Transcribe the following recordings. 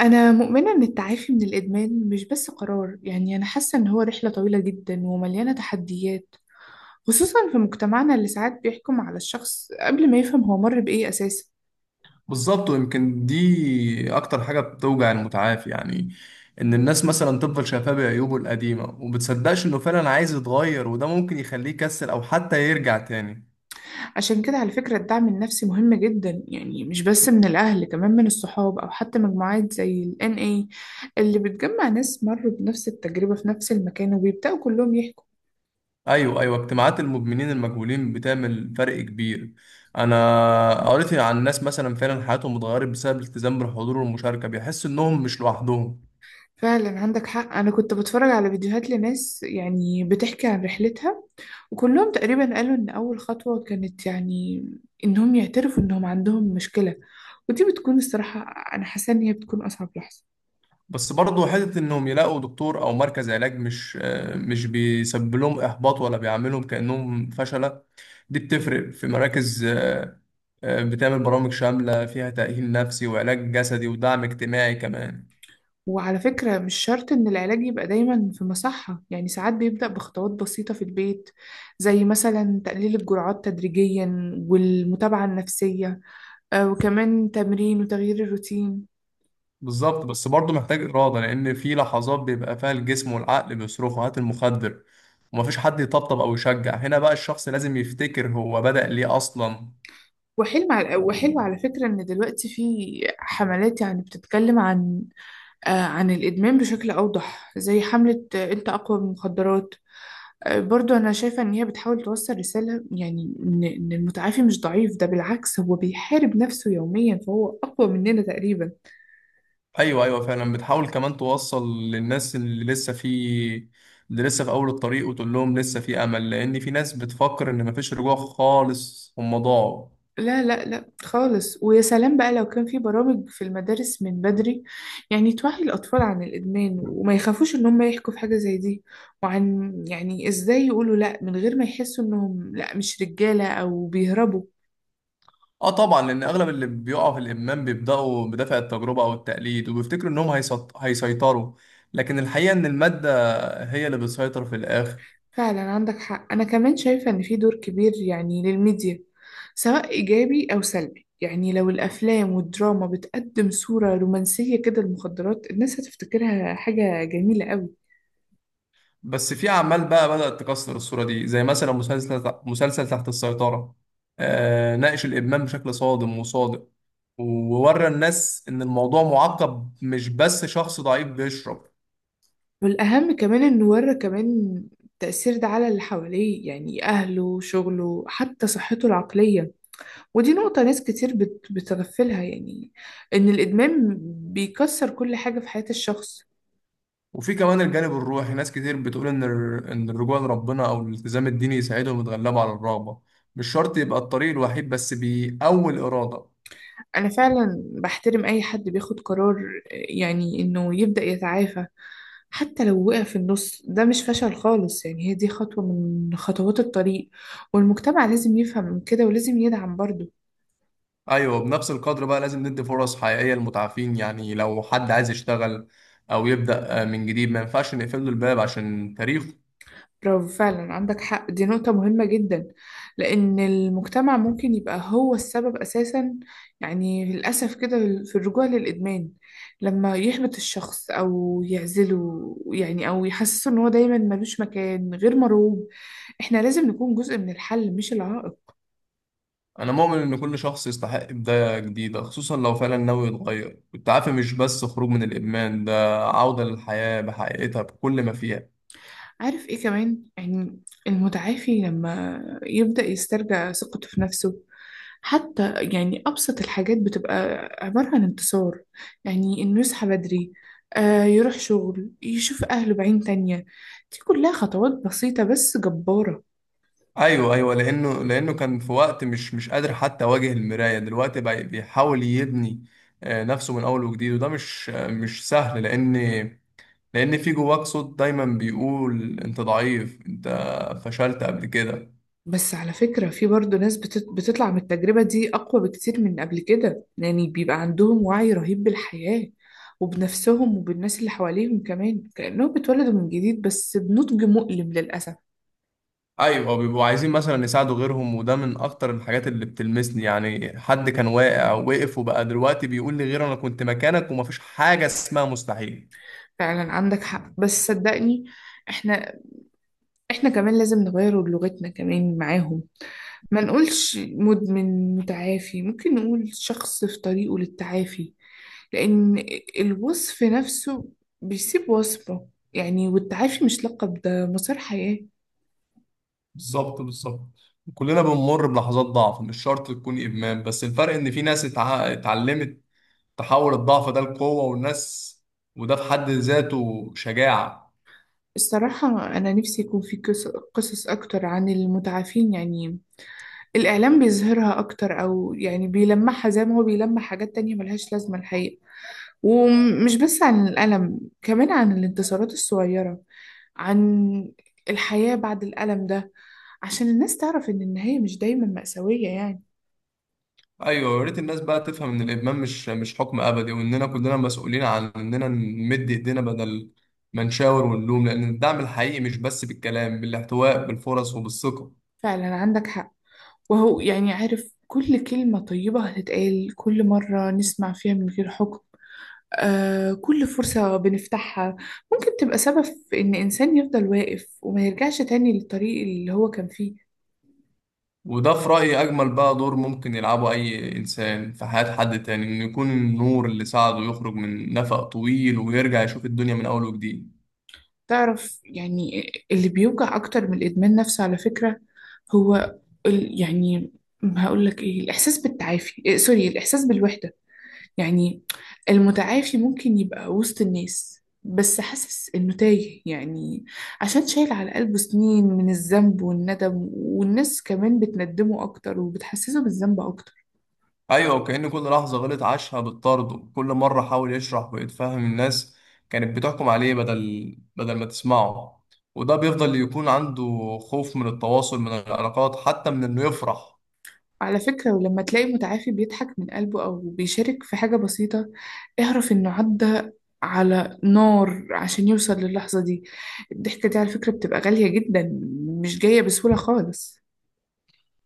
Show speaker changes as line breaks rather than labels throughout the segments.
أنا مؤمنة إن التعافي من الإدمان مش بس قرار. أنا حاسة إن هو رحلة طويلة جدا ومليانة تحديات، خصوصا في مجتمعنا اللي ساعات بيحكم على الشخص قبل ما يفهم هو مر بإيه أساسا.
بالظبط، ويمكن دي اكتر حاجه بتوجع المتعافي، يعني ان الناس مثلا تفضل شايفاه بعيوبه القديمه وبتصدقش انه فعلا عايز يتغير، وده ممكن يخليه يكسل او حتى يرجع تاني.
عشان كده على فكرة الدعم النفسي مهم جدا، يعني مش بس من الأهل، كمان من الصحاب أو حتى مجموعات زي ال NA اللي بتجمع ناس مروا بنفس التجربة في نفس المكان وبيبدأوا كلهم يحكوا.
ايوه، ايوه، اجتماعات المدمنين المجهولين بتعمل فرق كبير. انا قريت عن ناس مثلا فعلا حياتهم اتغيرت بسبب الالتزام بالحضور والمشاركه، بيحسوا انهم مش لوحدهم.
فعلا عندك حق، أنا كنت بتفرج على فيديوهات لناس بتحكي عن رحلتها. كلهم تقريبا قالوا إن أول خطوة كانت إنهم يعترفوا إنهم عندهم مشكلة، ودي بتكون الصراحة. أنا حاسة إن هي بتكون أصعب لحظة.
بس برضه حتة إنهم يلاقوا دكتور أو مركز علاج مش مش بيسبب لهم إحباط ولا بيعاملهم كأنهم فشلة. دي بتفرق، في مراكز بتعمل برامج شاملة فيها تأهيل نفسي وعلاج جسدي ودعم اجتماعي كمان.
وعلى فكرة مش شرط إن العلاج يبقى دايما في مصحة، يعني ساعات بيبدأ بخطوات بسيطة في البيت، زي مثلا تقليل الجرعات تدريجيا، والمتابعة النفسية، وكمان تمرين وتغيير الروتين.
بالظبط، بس برضه محتاج إرادة، لأن في لحظات بيبقى فيها الجسم والعقل بيصرخوا هات المخدر ومفيش حد يطبطب أو يشجع. هنا بقى الشخص لازم يفتكر هو بدأ ليه أصلا.
وحلم على وحلو على فكرة إن دلوقتي في حملات بتتكلم عن، عن الإدمان بشكل أوضح، زي حملة أنت أقوى من المخدرات. برضو أنا شايفة إن هي بتحاول توصل رسالة، يعني إن المتعافي مش ضعيف، ده بالعكس هو بيحارب نفسه يوميا فهو أقوى مننا تقريبا.
ايوه، ايوه، فعلا بتحاول كمان توصل للناس اللي لسه في اول الطريق، وتقول لهم لسه في امل، لان في ناس بتفكر ان مفيش رجوع خالص، هم ضاعوا.
لا خالص. ويا سلام بقى لو كان في برامج في المدارس من بدري، يعني توعي الأطفال عن الإدمان وما يخافوش إن هم يحكوا في حاجة زي دي، وعن إزاي يقولوا لا من غير ما يحسوا إنهم لا مش رجالة أو بيهربوا.
اه طبعا، لان اغلب اللي بيقعوا في الادمان بيبداوا بدافع التجربه او التقليد، وبيفتكروا انهم هيسيطروا. لكن الحقيقه ان الماده هي اللي بتسيطر في الاخر.
فعلا عندك حق، أنا كمان شايفة إن في دور كبير يعني للميديا، سواء إيجابي أو سلبي. يعني لو الأفلام والدراما بتقدم صورة رومانسية كده للمخدرات، الناس هتفتكرها حاجة جميلة قوي.
بس في اعمال بقى بدأت تكسر الصورة دي، زي مثلا مسلسل تحت السيطرة. ناقش الإدمان بشكل صادم وصادق، وورى الناس إن الموضوع معقد، مش بس شخص ضعيف بيشرب.
والأهم كمان إنه ورى كمان التأثير ده على اللي حواليه، يعني أهله، شغله، حتى صحته العقلية. ودي نقطة ناس كتير بتغفلها، يعني إن الإدمان بيكسر كل حاجة في حياة الشخص.
وفي كمان الجانب الروحي. ناس كتير بتقول إن الرجوع لربنا أو الالتزام الديني يساعدهم يتغلبوا على الرغبة. مش شرط يبقى الطريق الوحيد، بس بيقوي الإرادة.
أنا فعلا بحترم أي حد بياخد قرار يعني إنه يبدأ يتعافى. حتى لو وقع في النص، ده مش فشل خالص، يعني هي دي خطوة من خطوات الطريق، والمجتمع لازم يفهم من كده ولازم يدعم برضه.
ايوه، بنفس القدر بقى لازم ندي فرص حقيقيه للمتعافين، يعني لو حد عايز يشتغل او يبدا من جديد، ما ينفعش نقفل له الباب عشان تاريخه.
برافو، فعلا عندك حق، دي نقطة مهمة جدا، لأن المجتمع ممكن يبقى هو السبب أساسا، يعني للأسف كده، في الرجوع للإدمان، لما يحبط الشخص أو يعزله، يعني أو يحسسه إن هو دايما ملوش مكان، غير مرغوب. إحنا لازم نكون جزء من الحل مش العائق.
انا مؤمن ان كل شخص يستحق بدايه جديده، خصوصا لو فعلا ناوي يتغير. التعافي مش بس خروج من الادمان، ده عوده للحياه بحقيقتها بكل ما فيها.
عارف ايه كمان يعني؟ المتعافي لما يبدأ يسترجع ثقته في نفسه، حتى يعني أبسط الحاجات بتبقى عبارة عن انتصار، يعني إنه يصحى بدري، آه يروح شغل، يشوف أهله بعين تانية. دي كلها خطوات بسيطة بس جبارة.
ايوه، ايوه، لانه كان في وقت مش قادر حتى يواجه المرايه. دلوقتي بقى بيحاول يبني نفسه من اول وجديد، وده مش سهل، لأن في جواك صوت دايما بيقول أنت ضعيف، أنت فشلت قبل كده.
بس على فكرة في برضه ناس بتطلع من التجربة دي أقوى بكتير من قبل كده، يعني بيبقى عندهم وعي رهيب بالحياة وبنفسهم وبالناس اللي حواليهم كمان، كأنهم بيتولدوا من جديد بس بنضج مؤلم للأسف.
أيوة، بيبقوا عايزين مثلا يساعدوا غيرهم، وده من أكتر الحاجات اللي بتلمسني. يعني حد كان واقع ووقف وبقى دلوقتي بيقول لي، غير أنا كنت مكانك ومفيش حاجة اسمها مستحيل.
فعلا عندك حق، بس صدقني احنا احنا كمان لازم نغير لغتنا كمان معاهم. ما نقولش مدمن متعافي، ممكن نقول شخص في طريقه للتعافي، لأن الوصف نفسه بيسيب وصمه، يعني والتعافي مش لقب، ده مسار حياة.
بالظبط، بالظبط. كلنا بنمر بلحظات ضعف، مش شرط تكون إدمان. بس الفرق إن في ناس اتعلمت تحول الضعف ده لقوة والناس، وده في حد ذاته شجاعة.
الصراحة أنا نفسي يكون في قصص أكتر عن المتعافين، يعني الإعلام بيظهرها أكتر، أو يعني بيلمحها زي ما هو بيلمح حاجات تانية ملهاش لازمة الحقيقة. ومش بس عن الألم، كمان عن الانتصارات الصغيرة، عن الحياة بعد الألم ده، عشان الناس تعرف إن النهاية مش دايما مأساوية يعني.
ايوه، يا ريت الناس بقى تفهم ان الادمان مش حكم ابدي، واننا كلنا مسؤولين عن اننا نمد ايدينا بدل ما نشاور ونلوم. لان الدعم الحقيقي مش بس بالكلام، بالاحتواء، بالفرص، وبالثقه.
فعلا عندك حق. وهو عارف كل كلمة طيبة هتتقال، كل مرة نسمع فيها من غير حكم، آه كل فرصة بنفتحها، ممكن تبقى سبب في إن إنسان يفضل واقف وما يرجعش تاني للطريق اللي هو كان فيه.
وده في رايي اجمل بقى دور ممكن يلعبه اي انسان في حياه حد تاني، انه يكون النور اللي ساعده يخرج من نفق طويل ويرجع يشوف الدنيا من اول وجديد.
تعرف يعني اللي بيوجع أكتر من الإدمان نفسه على فكرة، هو ال- يعني هقول لك إيه الإحساس بالتعافي إيه سوري الإحساس بالوحدة. يعني المتعافي ممكن يبقى وسط الناس بس حاسس إنه تايه، يعني عشان شايل على قلبه سنين من الذنب والندم، والناس كمان بتندمه أكتر وبتحسسه بالذنب أكتر.
ايوه، وكأن كل لحظة غلط عاشها بالطرد. كل مرة حاول يشرح ويتفهم، الناس كانت بتحكم عليه بدل ما تسمعه. وده بيفضل يكون عنده خوف من التواصل، من العلاقات، حتى من انه يفرح.
على فكرة ولما تلاقي متعافي بيضحك من قلبه أو بيشارك في حاجة بسيطة، اعرف إنه عدى على نار عشان يوصل للحظة دي. الضحكة دي على فكرة بتبقى غالية جدا، مش جاية بسهولة خالص.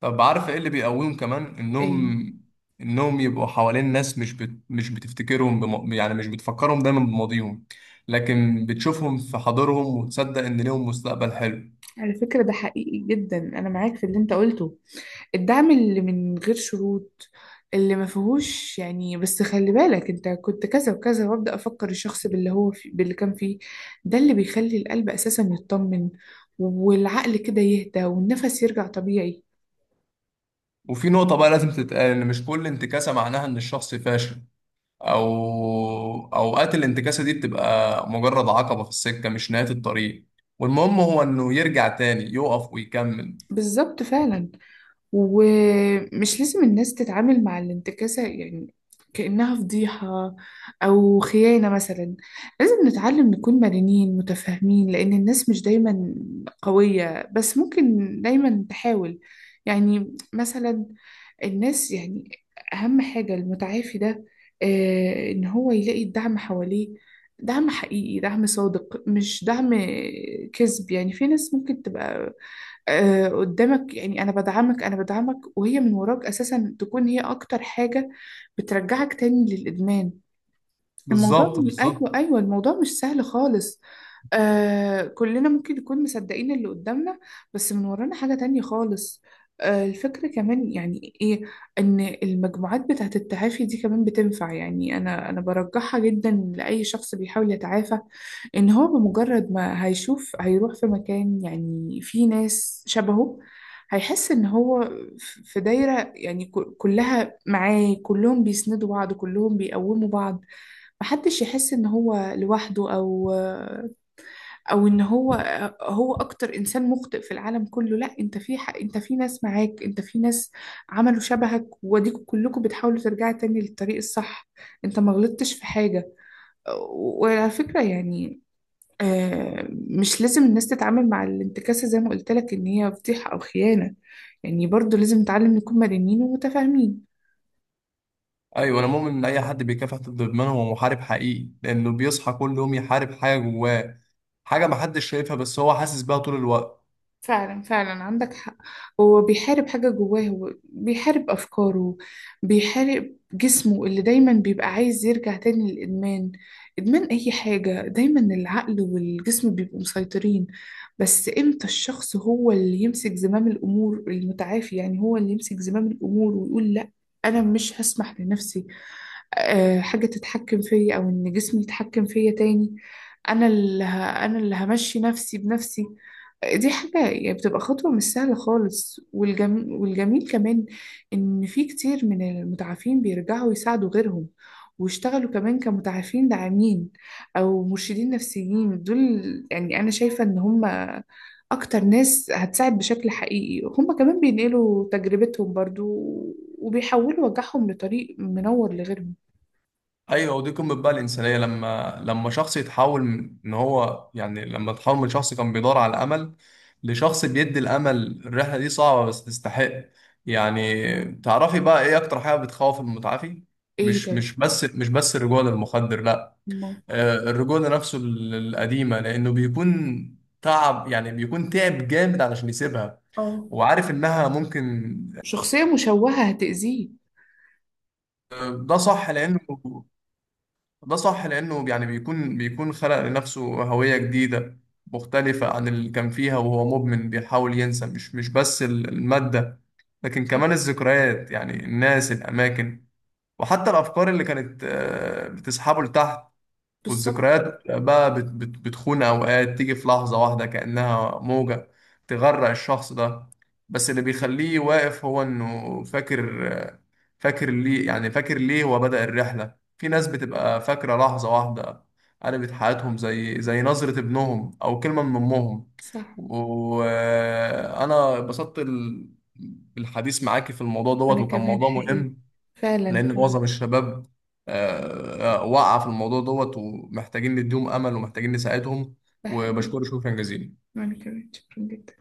طب عارف ايه اللي بيقويهم كمان؟
إيه؟
انهم يبقوا حوالين ناس مش بت... مش بتفتكرهم بم... يعني مش بتفكرهم دايما بماضيهم، لكن بتشوفهم في حاضرهم وتصدق ان ليهم مستقبل حلو.
على فكرة ده حقيقي جدا، أنا معاك في اللي أنت قلته. الدعم اللي من غير شروط، اللي ما فيهوش يعني بس خلي بالك انت كنت كذا وكذا، وابدا افكر الشخص باللي هو في باللي كان فيه، ده اللي بيخلي القلب اساسا يطمن، والعقل كده يهدى، والنفس يرجع طبيعي.
وفي نقطة بقى لازم تتقال، ان مش كل انتكاسة معناها ان الشخص فاشل. او اوقات الانتكاسه دي بتبقى مجرد عقبه في السكه، مش نهايه الطريق. والمهم هو انه يرجع تاني يقف ويكمل.
بالظبط فعلا. ومش لازم الناس تتعامل مع الانتكاسة يعني كأنها فضيحة أو خيانة مثلا. لازم نتعلم نكون مرنين متفاهمين، لأن الناس مش دايما قوية بس ممكن دايما تحاول. يعني مثلا الناس أهم حاجة المتعافي ده، إن هو يلاقي الدعم حواليه، دعم حقيقي، دعم صادق، مش دعم كذب. يعني في ناس ممكن تبقى قدامك يعني انا بدعمك، انا بدعمك، وهي من وراك اساسا تكون هي اكتر حاجة بترجعك تاني للادمان. الموضوع
بالظبط، بالظبط.
الموضوع مش سهل خالص. آه كلنا ممكن نكون مصدقين اللي قدامنا، بس من ورانا حاجة تانية خالص. آه الفكرة كمان يعني ايه؟ ان المجموعات بتاعت التعافي دي كمان بتنفع، يعني انا برجحها جدا لأي شخص بيحاول يتعافى. ان هو بمجرد ما هيشوف هيروح في مكان يعني فيه ناس شبهه، هيحس ان هو في دايرة، يعني كلها معاه، كلهم بيسندوا بعض، كلهم بيقوموا بعض، محدش يحس ان هو لوحده، او او ان هو هو اكتر انسان مخطئ في العالم كله. لا انت في حق، انت في ناس معاك، انت في ناس عملوا شبهك، واديكوا كلكم بتحاولوا ترجعوا تاني للطريق الصح، انت ما غلطتش في حاجة. وعلى فكرة يعني مش لازم الناس تتعامل مع الانتكاسة زي ما قلت لك ان هي فضيحة او خيانة، يعني برضو لازم نتعلم نكون مرنين ومتفاهمين.
ايوه، انا مؤمن ان اي حد بيكافح ضد ادمان هو محارب حقيقي، لانه بيصحى كل يوم يحارب حاجه جواه، حاجه محدش شايفها بس هو حاسس بيها طول الوقت.
فعلا فعلا عندك حق. هو بيحارب حاجة جواه، هو بيحارب أفكاره، بيحارب جسمه اللي دايما بيبقى عايز يرجع تاني للإدمان. إدمان أي حاجة دايما العقل والجسم بيبقوا مسيطرين، بس إمتى الشخص هو اللي يمسك زمام الأمور؟ المتعافي يعني هو اللي يمسك زمام الأمور ويقول لأ، أنا مش هسمح لنفسي حاجة تتحكم فيا، أو إن جسمي يتحكم فيا تاني. أنا اللي همشي نفسي بنفسي. دي حاجة يعني بتبقى خطوة مش سهلة خالص. والجميل كمان إن في كتير من المتعافين بيرجعوا يساعدوا غيرهم، واشتغلوا كمان كمتعافين داعمين أو مرشدين نفسيين. دول يعني أنا شايفة إن هم أكتر ناس هتساعد بشكل حقيقي، هم كمان بينقلوا تجربتهم برضو، وبيحولوا وجعهم لطريق منور لغيرهم.
ايوه، ودي قمه بقى الانسانيه، لما شخص يتحول من ان هو، يعني لما تحول من شخص كان بيدور على امل لشخص بيدي الامل. الرحله دي صعبه بس تستحق. يعني تعرفي بقى، ايه اكتر حاجه بتخوف المتعافي؟
ايه
مش
طيب؟
مش بس مش بس الرجوع للمخدر، لا.
ما
الرجوع لنفسه القديمه، لانه بيكون تعب. يعني بيكون تعب جامد علشان يسيبها.
اه
وعارف انها ممكن.
شخصية مشوهة هتأذيه.
آه، ده صح لانه ده صح لأنه، يعني بيكون خلق لنفسه هوية جديدة مختلفة عن اللي كان فيها وهو مدمن. بيحاول ينسى مش بس المادة، لكن
صح.
كمان الذكريات، يعني الناس، الأماكن. وحتى الأفكار اللي كانت بتسحبه لتحت.
بالظبط.
والذكريات بقى بت بت بتخون أوقات، تيجي في لحظة واحدة كأنها موجة تغرق الشخص ده. بس اللي بيخليه واقف هو إنه فاكر ليه، يعني فاكر ليه هو بدأ الرحلة. في ناس بتبقى فاكرة لحظة واحدة قلبت حياتهم، زي نظرة ابنهم أو كلمة من أمهم.
صح.
وأنا اتبسطت بالحديث معاكي في الموضوع دوت،
أنا
وكان
كمان
موضوع
حقيقي.
مهم.
فعلا
لان
فعلا.
معظم الشباب وقع في الموضوع دوت، ومحتاجين نديهم امل، ومحتاجين نساعدهم.
ده حقيقي.
وبشكرك، شكرا جزيلا.
وأنا كمان شكرا جدا.